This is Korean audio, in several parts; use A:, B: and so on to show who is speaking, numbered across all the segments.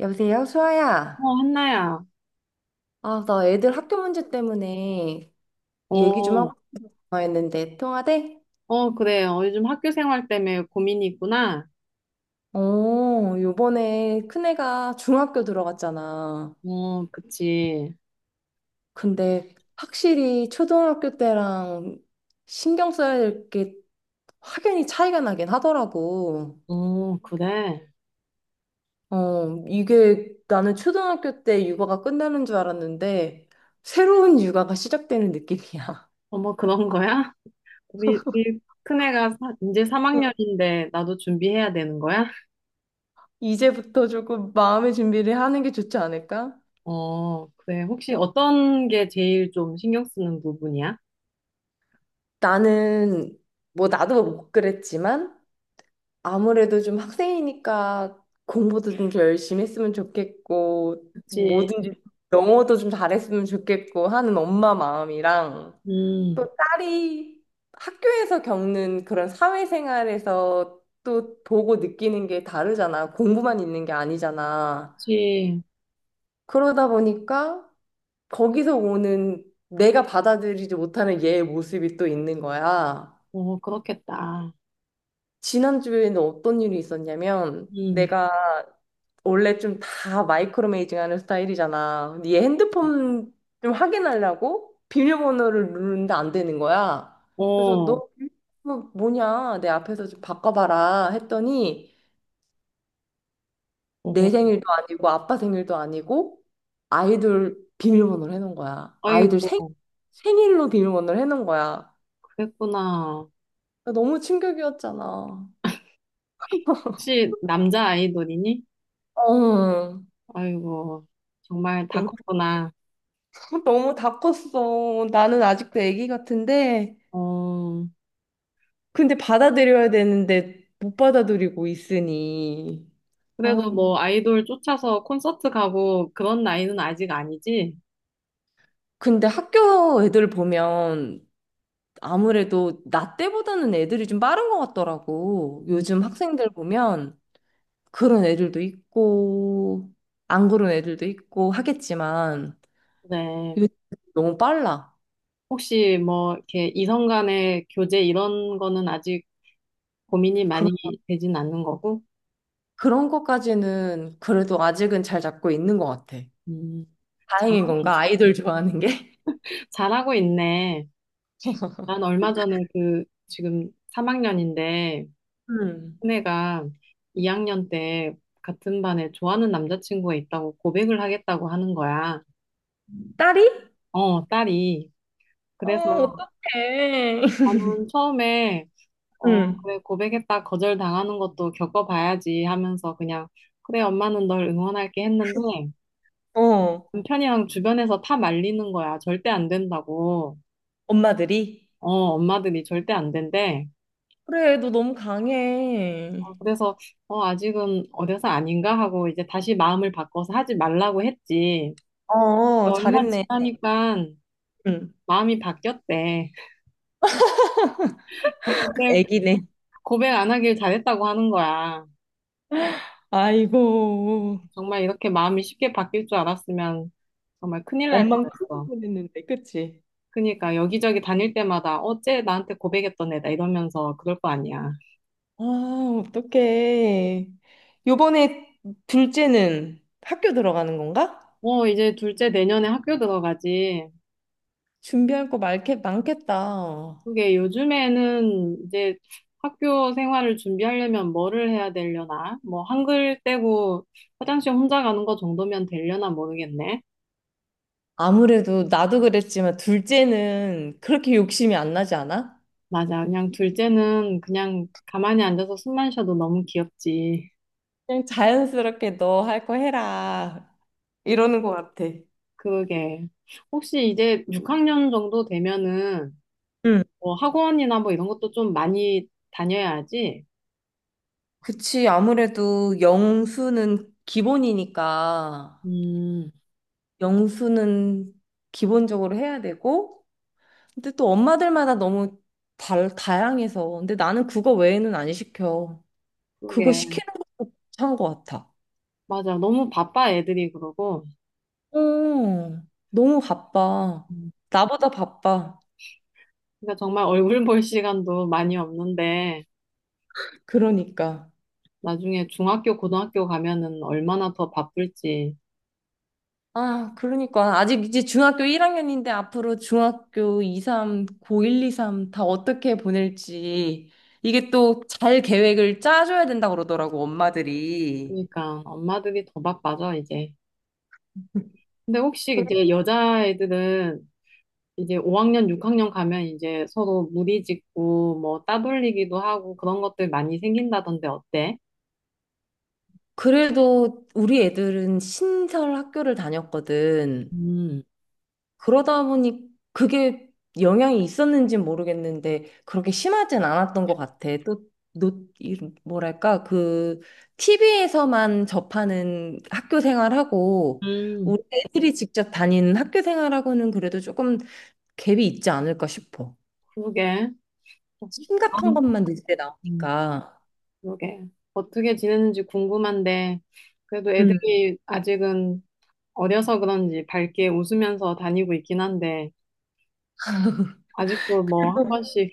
A: 여보세요, 수아야.
B: 어, 한나야.
A: 아, 나 애들 학교 문제 때문에 얘기 좀
B: 어,
A: 하고 싶어 했는데 통화돼?
B: 어, 그래. 어, 요즘 학교 생활 때문에 고민이 있구나.
A: 어, 요번에 큰애가 중학교 들어갔잖아.
B: 어, 그치.
A: 근데 확실히 초등학교 때랑 신경 써야 될 게 확연히 차이가 나긴 하더라고.
B: 어, 그래.
A: 어, 이게 나는 초등학교 때 육아가 끝나는 줄 알았는데 새로운 육아가 시작되는 느낌이야.
B: 어, 머 그런 거야? 우리 큰애가 이제
A: 응.
B: 3학년인데 나도 준비해야 되는 거야?
A: 이제부터 조금 마음의 준비를 하는 게 좋지 않을까?
B: 어, 그래. 혹시 어떤 게 제일 좀 신경 쓰는 부분이야?
A: 나는 뭐 나도 뭐 못 그랬지만 아무래도 좀 학생이니까 공부도 좀 더 열심히 했으면 좋겠고
B: 그치.
A: 뭐든지 영어도 좀 잘했으면 좋겠고 하는 엄마 마음이랑
B: 음,
A: 또 딸이 학교에서 겪는 그런 사회생활에서 또 보고 느끼는 게 다르잖아. 공부만 있는 게 아니잖아.
B: 그치.
A: 그러다 보니까 거기서 오는 내가 받아들이지 못하는 얘의 모습이 또 있는 거야.
B: 어, 그렇겠다.
A: 지난주에는 어떤 일이 있었냐면
B: 음,
A: 내가 원래 좀 다 마이크로 메이징 하는 스타일이잖아. 근데 얘 핸드폰 좀 확인하려고 비밀번호를 누르는데 안 되는 거야. 그래서
B: 어,
A: 너 비밀번호 뭐냐? 내 앞에서 좀 바꿔봐라 했더니 내
B: 어,
A: 생일도 아니고 아빠 생일도 아니고 아이들 비밀번호를 해놓은 거야.
B: 아이고,
A: 생일로 비밀번호를 해놓은 거야.
B: 그랬구나.
A: 너무 충격이었잖아.
B: 혹시 남자 아이돌이니?
A: 어,
B: 아이고, 정말 다 컸구나.
A: 너무 다 컸어. 나는 아직도 아기 같은데,
B: 어,
A: 근데 받아들여야 되는데 못 받아들이고 있으니.
B: 그래도
A: 아,
B: 뭐 아이돌 쫓아서 콘서트 가고 그런 나이는 아직 아니지?
A: 근데 학교 애들 보면 아무래도 나 때보다는 애들이 좀 빠른 것 같더라고.
B: 음,
A: 요즘 학생들 보면 그런 애들도 있고, 안 그런 애들도 있고 하겠지만,
B: 그래.
A: 요즘 너무 빨라.
B: 혹시 뭐 이렇게 이성 간의 교제 이런 거는 아직 고민이
A: 그런,
B: 많이 되진 않는 거고?
A: 그런 것까지는 그래도 아직은 잘 잡고 있는 것 같아.
B: 음,
A: 다행인
B: 잘하고,
A: 건가? 아이들 좋아하는 게?
B: 잘하고 있네. 난 얼마 전에 그 지금 3학년인데
A: 음.
B: 큰애가 2학년 때 같은 반에 좋아하는 남자친구가 있다고 고백을 하겠다고 하는 거야.
A: 딸이?
B: 어, 딸이.
A: 어,
B: 그래서
A: 어떡해.
B: 나는 처음에 어
A: 응.
B: 그래 고백했다 거절당하는 것도 겪어봐야지 하면서 그냥 그래 엄마는 널 응원할게 했는데
A: 어,
B: 남편이랑 주변에서 다 말리는 거야 절대 안 된다고.
A: 엄마들이.
B: 어 엄마들이 절대 안 된대.
A: 그래, 너 너무
B: 어,
A: 강해.
B: 그래서 어 아직은 어려서 아닌가 하고 이제 다시 마음을 바꿔서 하지 말라고 했지.
A: 어,
B: 얼마
A: 잘했네.
B: 지나니까
A: 응.
B: 마음이 바뀌었대. 그때
A: 애기네.
B: 고백 안 하길 잘했다고 하는 거야.
A: 아이고,
B: 정말 이렇게 마음이 쉽게 바뀔 줄 알았으면 정말 큰일 날
A: 엄만 크고
B: 뻔했어.
A: 보냈는데, 그치?
B: 그러니까 여기저기 다닐 때마다 어째 나한테 고백했던 애다 이러면서 그럴 거 아니야.
A: 아, 어떡해. 요번에 둘째는 학교 들어가는 건가?
B: 어, 이제 둘째 내년에 학교 들어가지.
A: 준비할 거 많겠다.
B: 그게 요즘에는 이제 학교 생활을 준비하려면 뭐를 해야 되려나? 뭐 한글 떼고 화장실 혼자 가는 거 정도면 되려나 모르겠네.
A: 아무래도 나도 그랬지만 둘째는 그렇게 욕심이 안 나지 않아?
B: 맞아. 그냥 둘째는 그냥 가만히 앉아서 숨만 쉬어도 너무 귀엽지.
A: 그냥 자연스럽게 너 할 거 해라. 이러는 것 같아.
B: 그게. 혹시 이제 6학년 정도 되면은
A: 응,
B: 뭐 학원이나 뭐 이런 것도 좀 많이 다녀야지.
A: 그치. 아무래도 영수는 기본이니까
B: 음,
A: 영수는 기본적으로 해야 되고, 근데 또 엄마들마다 너무 다양해서. 근데 나는 그거 외에는 안 시켜. 그거
B: 그게.
A: 시키는 것도 참 것 같아.
B: 맞아. 너무 바빠 애들이 그러고.
A: 어, 너무 바빠.
B: 음,
A: 나보다 바빠.
B: 그러니까 정말 얼굴 볼 시간도 많이 없는데
A: 그러니까.
B: 나중에 중학교, 고등학교 가면은 얼마나 더 바쁠지.
A: 아, 그러니까. 아직 이제 중학교 1학년인데 앞으로 중학교 2, 3, 고 1, 2, 3 다 어떻게 보낼지. 이게 또 잘 계획을 짜줘야 된다고 그러더라고, 엄마들이.
B: 그러니까 엄마들이 더 바빠져, 이제. 근데 혹시
A: 그래-
B: 이제 여자애들은 이제 5학년, 6학년 가면 이제 서로 무리 짓고 뭐 따돌리기도 하고 그런 것들 많이 생긴다던데 어때?
A: 그래도 우리 애들은 신설 학교를 다녔거든.
B: 음,
A: 그러다 보니 그게 영향이 있었는지 모르겠는데 그렇게 심하진 않았던 것 같아. 또, 노, 이- 뭐랄까, 그 TV에서만 접하는 학교 생활하고
B: 음,
A: 우리 애들이 직접 다니는 학교 생활하고는 그래도 조금 갭이 있지 않을까 싶어.
B: 그러게.
A: 심각한 것만 뉴스에
B: 음,
A: 나오니까.
B: 그러게. 어떻게 지내는지 궁금한데, 그래도
A: 음.
B: 애들이 아직은 어려서 그런지 밝게 웃으면서 다니고 있긴 한데, 아직도 뭐 한 번씩,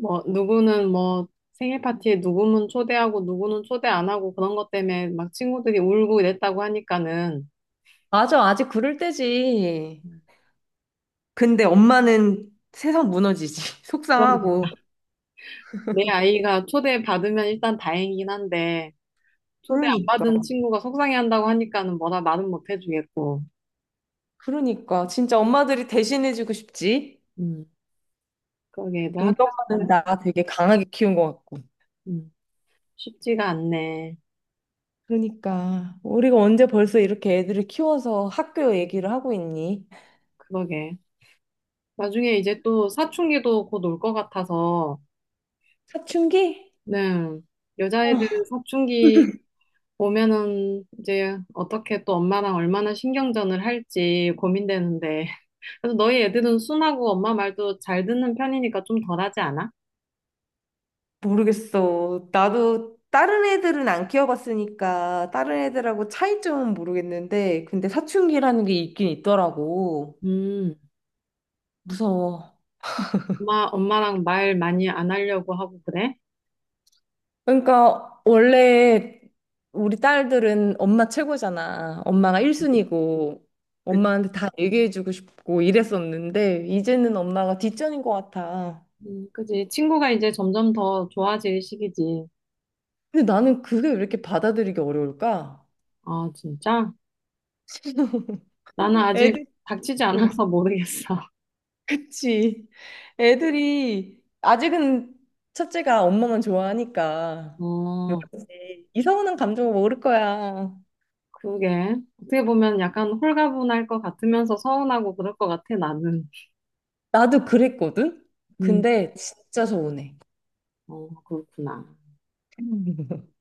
B: 뭐, 누구는 뭐 생일 파티에 누구는 초대하고 누구는 초대 안 하고 그런 것 때문에 막 친구들이 울고 이랬다고 하니까는,
A: 맞아, 아직 그럴 때지. 근데 엄마는 세상 무너지지. 속상하고.
B: 내 아이가 초대 받으면 일단 다행이긴 한데, 초대 안 받은
A: 그러니까.
B: 친구가 속상해한다고 하니까는 뭐라 말은 못 해주겠고.
A: 그러니까 진짜 엄마들이 대신해주고 싶지.
B: 음, 그러게, 애들
A: 우리
B: 학교
A: 엄마는
B: 생활,
A: 나 되게 강하게 키운 것 같고.
B: 음, 쉽지가 않네.
A: 그러니까 우리가 언제 벌써 이렇게 애들을 키워서 학교 얘기를 하고 있니?
B: 그러게. 나중에 이제 또 사춘기도 곧 올 것 같아서,
A: 사춘기?
B: 네.
A: 어,
B: 여자애들은 사춘기 오면은 이제 어떻게 또 엄마랑 얼마나 신경전을 할지 고민되는데. 그래서 너희 애들은 순하고 엄마 말도 잘 듣는 편이니까 좀 덜하지 않아?
A: 모르겠어. 나도 다른 애들은 안 키워봤으니까 다른 애들하고 차이점은 모르겠는데 근데 사춘기라는 게 있긴 있더라고.
B: 음.
A: 무서워.
B: 엄마랑 말 많이 안 하려고 하고 그래?
A: 그러니까 원래 우리 딸들은 엄마 최고잖아. 엄마가 1순위고
B: 그,
A: 엄마한테 다 얘기해주고 싶고 이랬었는데 이제는 엄마가 뒷전인 것 같아.
B: 그지. 친구가 이제 점점 더 좋아질 시기지.
A: 근데 나는 그게 왜 이렇게 받아들이기 어려울까?
B: 아, 진짜? 나는 아직
A: 애들,
B: 닥치지 않아서 모르겠어.
A: 그치. 애들이 아직은 첫째가 엄마만 좋아하니까 뭐
B: 어,
A: 이상한 감정을 모를 거야.
B: 그러게. 어떻게 보면 약간 홀가분할 것 같으면서 서운하고 그럴 것 같아, 나는.
A: 나도 그랬거든?
B: 음,
A: 근데 진짜 서운해.
B: 어, 그렇구나.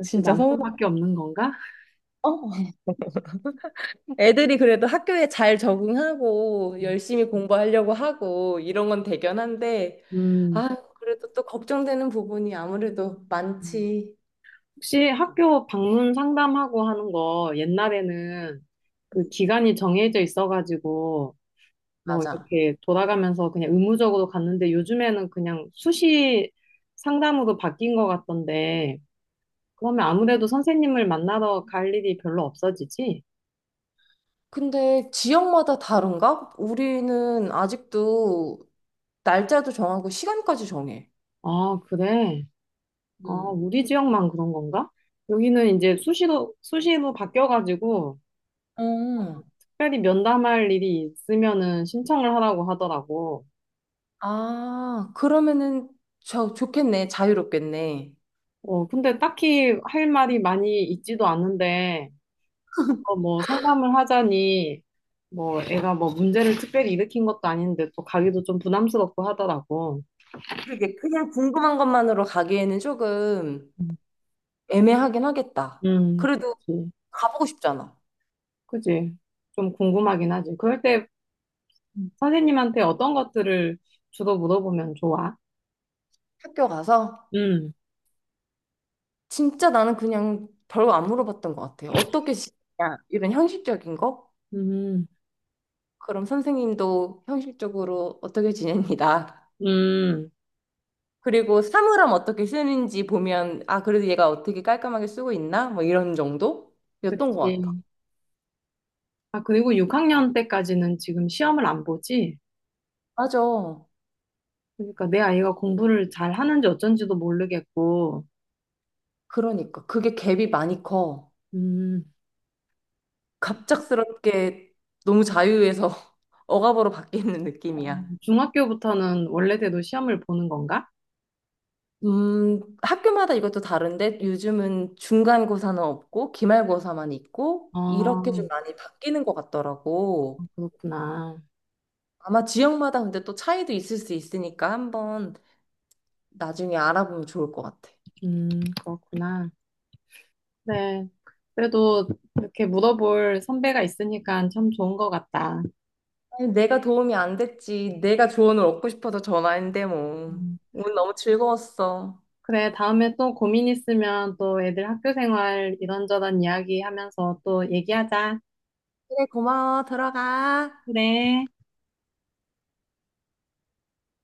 B: 역시
A: 진짜 서운하다.
B: 남편밖에 없는 건가?
A: 어? 애들이 그래도 학교에 잘 적응하고 열심히 공부하려고 하고 이런 건 대견한데,
B: 음.
A: 아, 그래도 또 걱정되는 부분이 아무래도
B: 음.
A: 많지.
B: 혹시 학교 방문 상담하고 하는 거 옛날에는 그
A: 음.
B: 기간이 정해져 있어가지고 뭐
A: 맞아.
B: 이렇게 돌아가면서 그냥 의무적으로 갔는데 요즘에는 그냥 수시 상담으로 바뀐 것 같던데 그러면 아무래도 선생님을 만나러 갈 일이 별로 없어지지?
A: 근데 지역마다 다른가? 우리는 아직도 날짜도 정하고 시간까지 정해.
B: 아, 그래. 아,
A: 음.
B: 우리 지역만 그런 건가? 여기는 이제 수시로 바뀌어가지고
A: 음.
B: 특별히 면담할 일이 있으면은 신청을 하라고 하더라고.
A: 아, 그러면은 저 좋겠네. 자유롭겠네.
B: 어, 근데 딱히 할 말이 많이 있지도 않은데 어, 뭐 상담을 하자니 뭐 애가 뭐 문제를 특별히 일으킨 것도 아닌데 또 가기도 좀 부담스럽고 하더라고.
A: 그러게. 그냥 궁금한 것만으로 가기에는 조금
B: 음.
A: 애매하긴 하겠다. 그래도
B: 그치.
A: 가보고 싶잖아.
B: 그치. 좀 궁금하긴 하지. 그럴 때
A: 음.
B: 선생님한테 어떤 것들을 주로 물어보면 좋아?
A: 학교 가서
B: 음,
A: 진짜 나는 그냥 별거 안 물어봤던 것 같아. 어떻게 지내냐? 이런 형식적인 거?
B: 음,
A: 그럼 선생님도 형식적으로 어떻게 지냅니다.
B: 음,
A: 그리고 사물함 어떻게 쓰는지 보면 아 그래도 얘가 어떻게 깔끔하게 쓰고 있나? 뭐 이런 정도였던 것 같아.
B: 그치. 아, 그리고 6학년 때까지는 지금 시험을 안 보지?
A: 맞아.
B: 그러니까 내 아이가 공부를 잘 하는지 어쩐지도 모르겠고,
A: 그러니까 그게 갭이 많이 커.
B: 음,
A: 갑작스럽게 너무 자유에서 억압으로 바뀌는
B: 어,
A: 느낌이야.
B: 중학교부터는 원래대로 시험을 보는 건가?
A: 학교마다 이것도 다른데 요즘은 중간고사는 없고 기말고사만 있고
B: 아,
A: 이렇게 좀 많이 바뀌는 것 같더라고.
B: 그렇구나.
A: 아마 지역마다 근데 또 차이도 있을 수 있으니까 한번 나중에 알아보면 좋을 것 같아.
B: 음, 그렇구나. 네. 그래도 이렇게 물어볼 선배가 있으니까 참 좋은 것 같다.
A: 아니, 내가 도움이 안 됐지. 내가 조언을 얻고 싶어서 전화했는데 뭐.
B: 음,
A: 오늘 너무 즐거웠어.
B: 그래, 다음에 또 고민 있으면 또 애들 학교 생활 이런저런 이야기 하면서 또 얘기하자.
A: 그래, 고마워. 들어가.
B: 그래.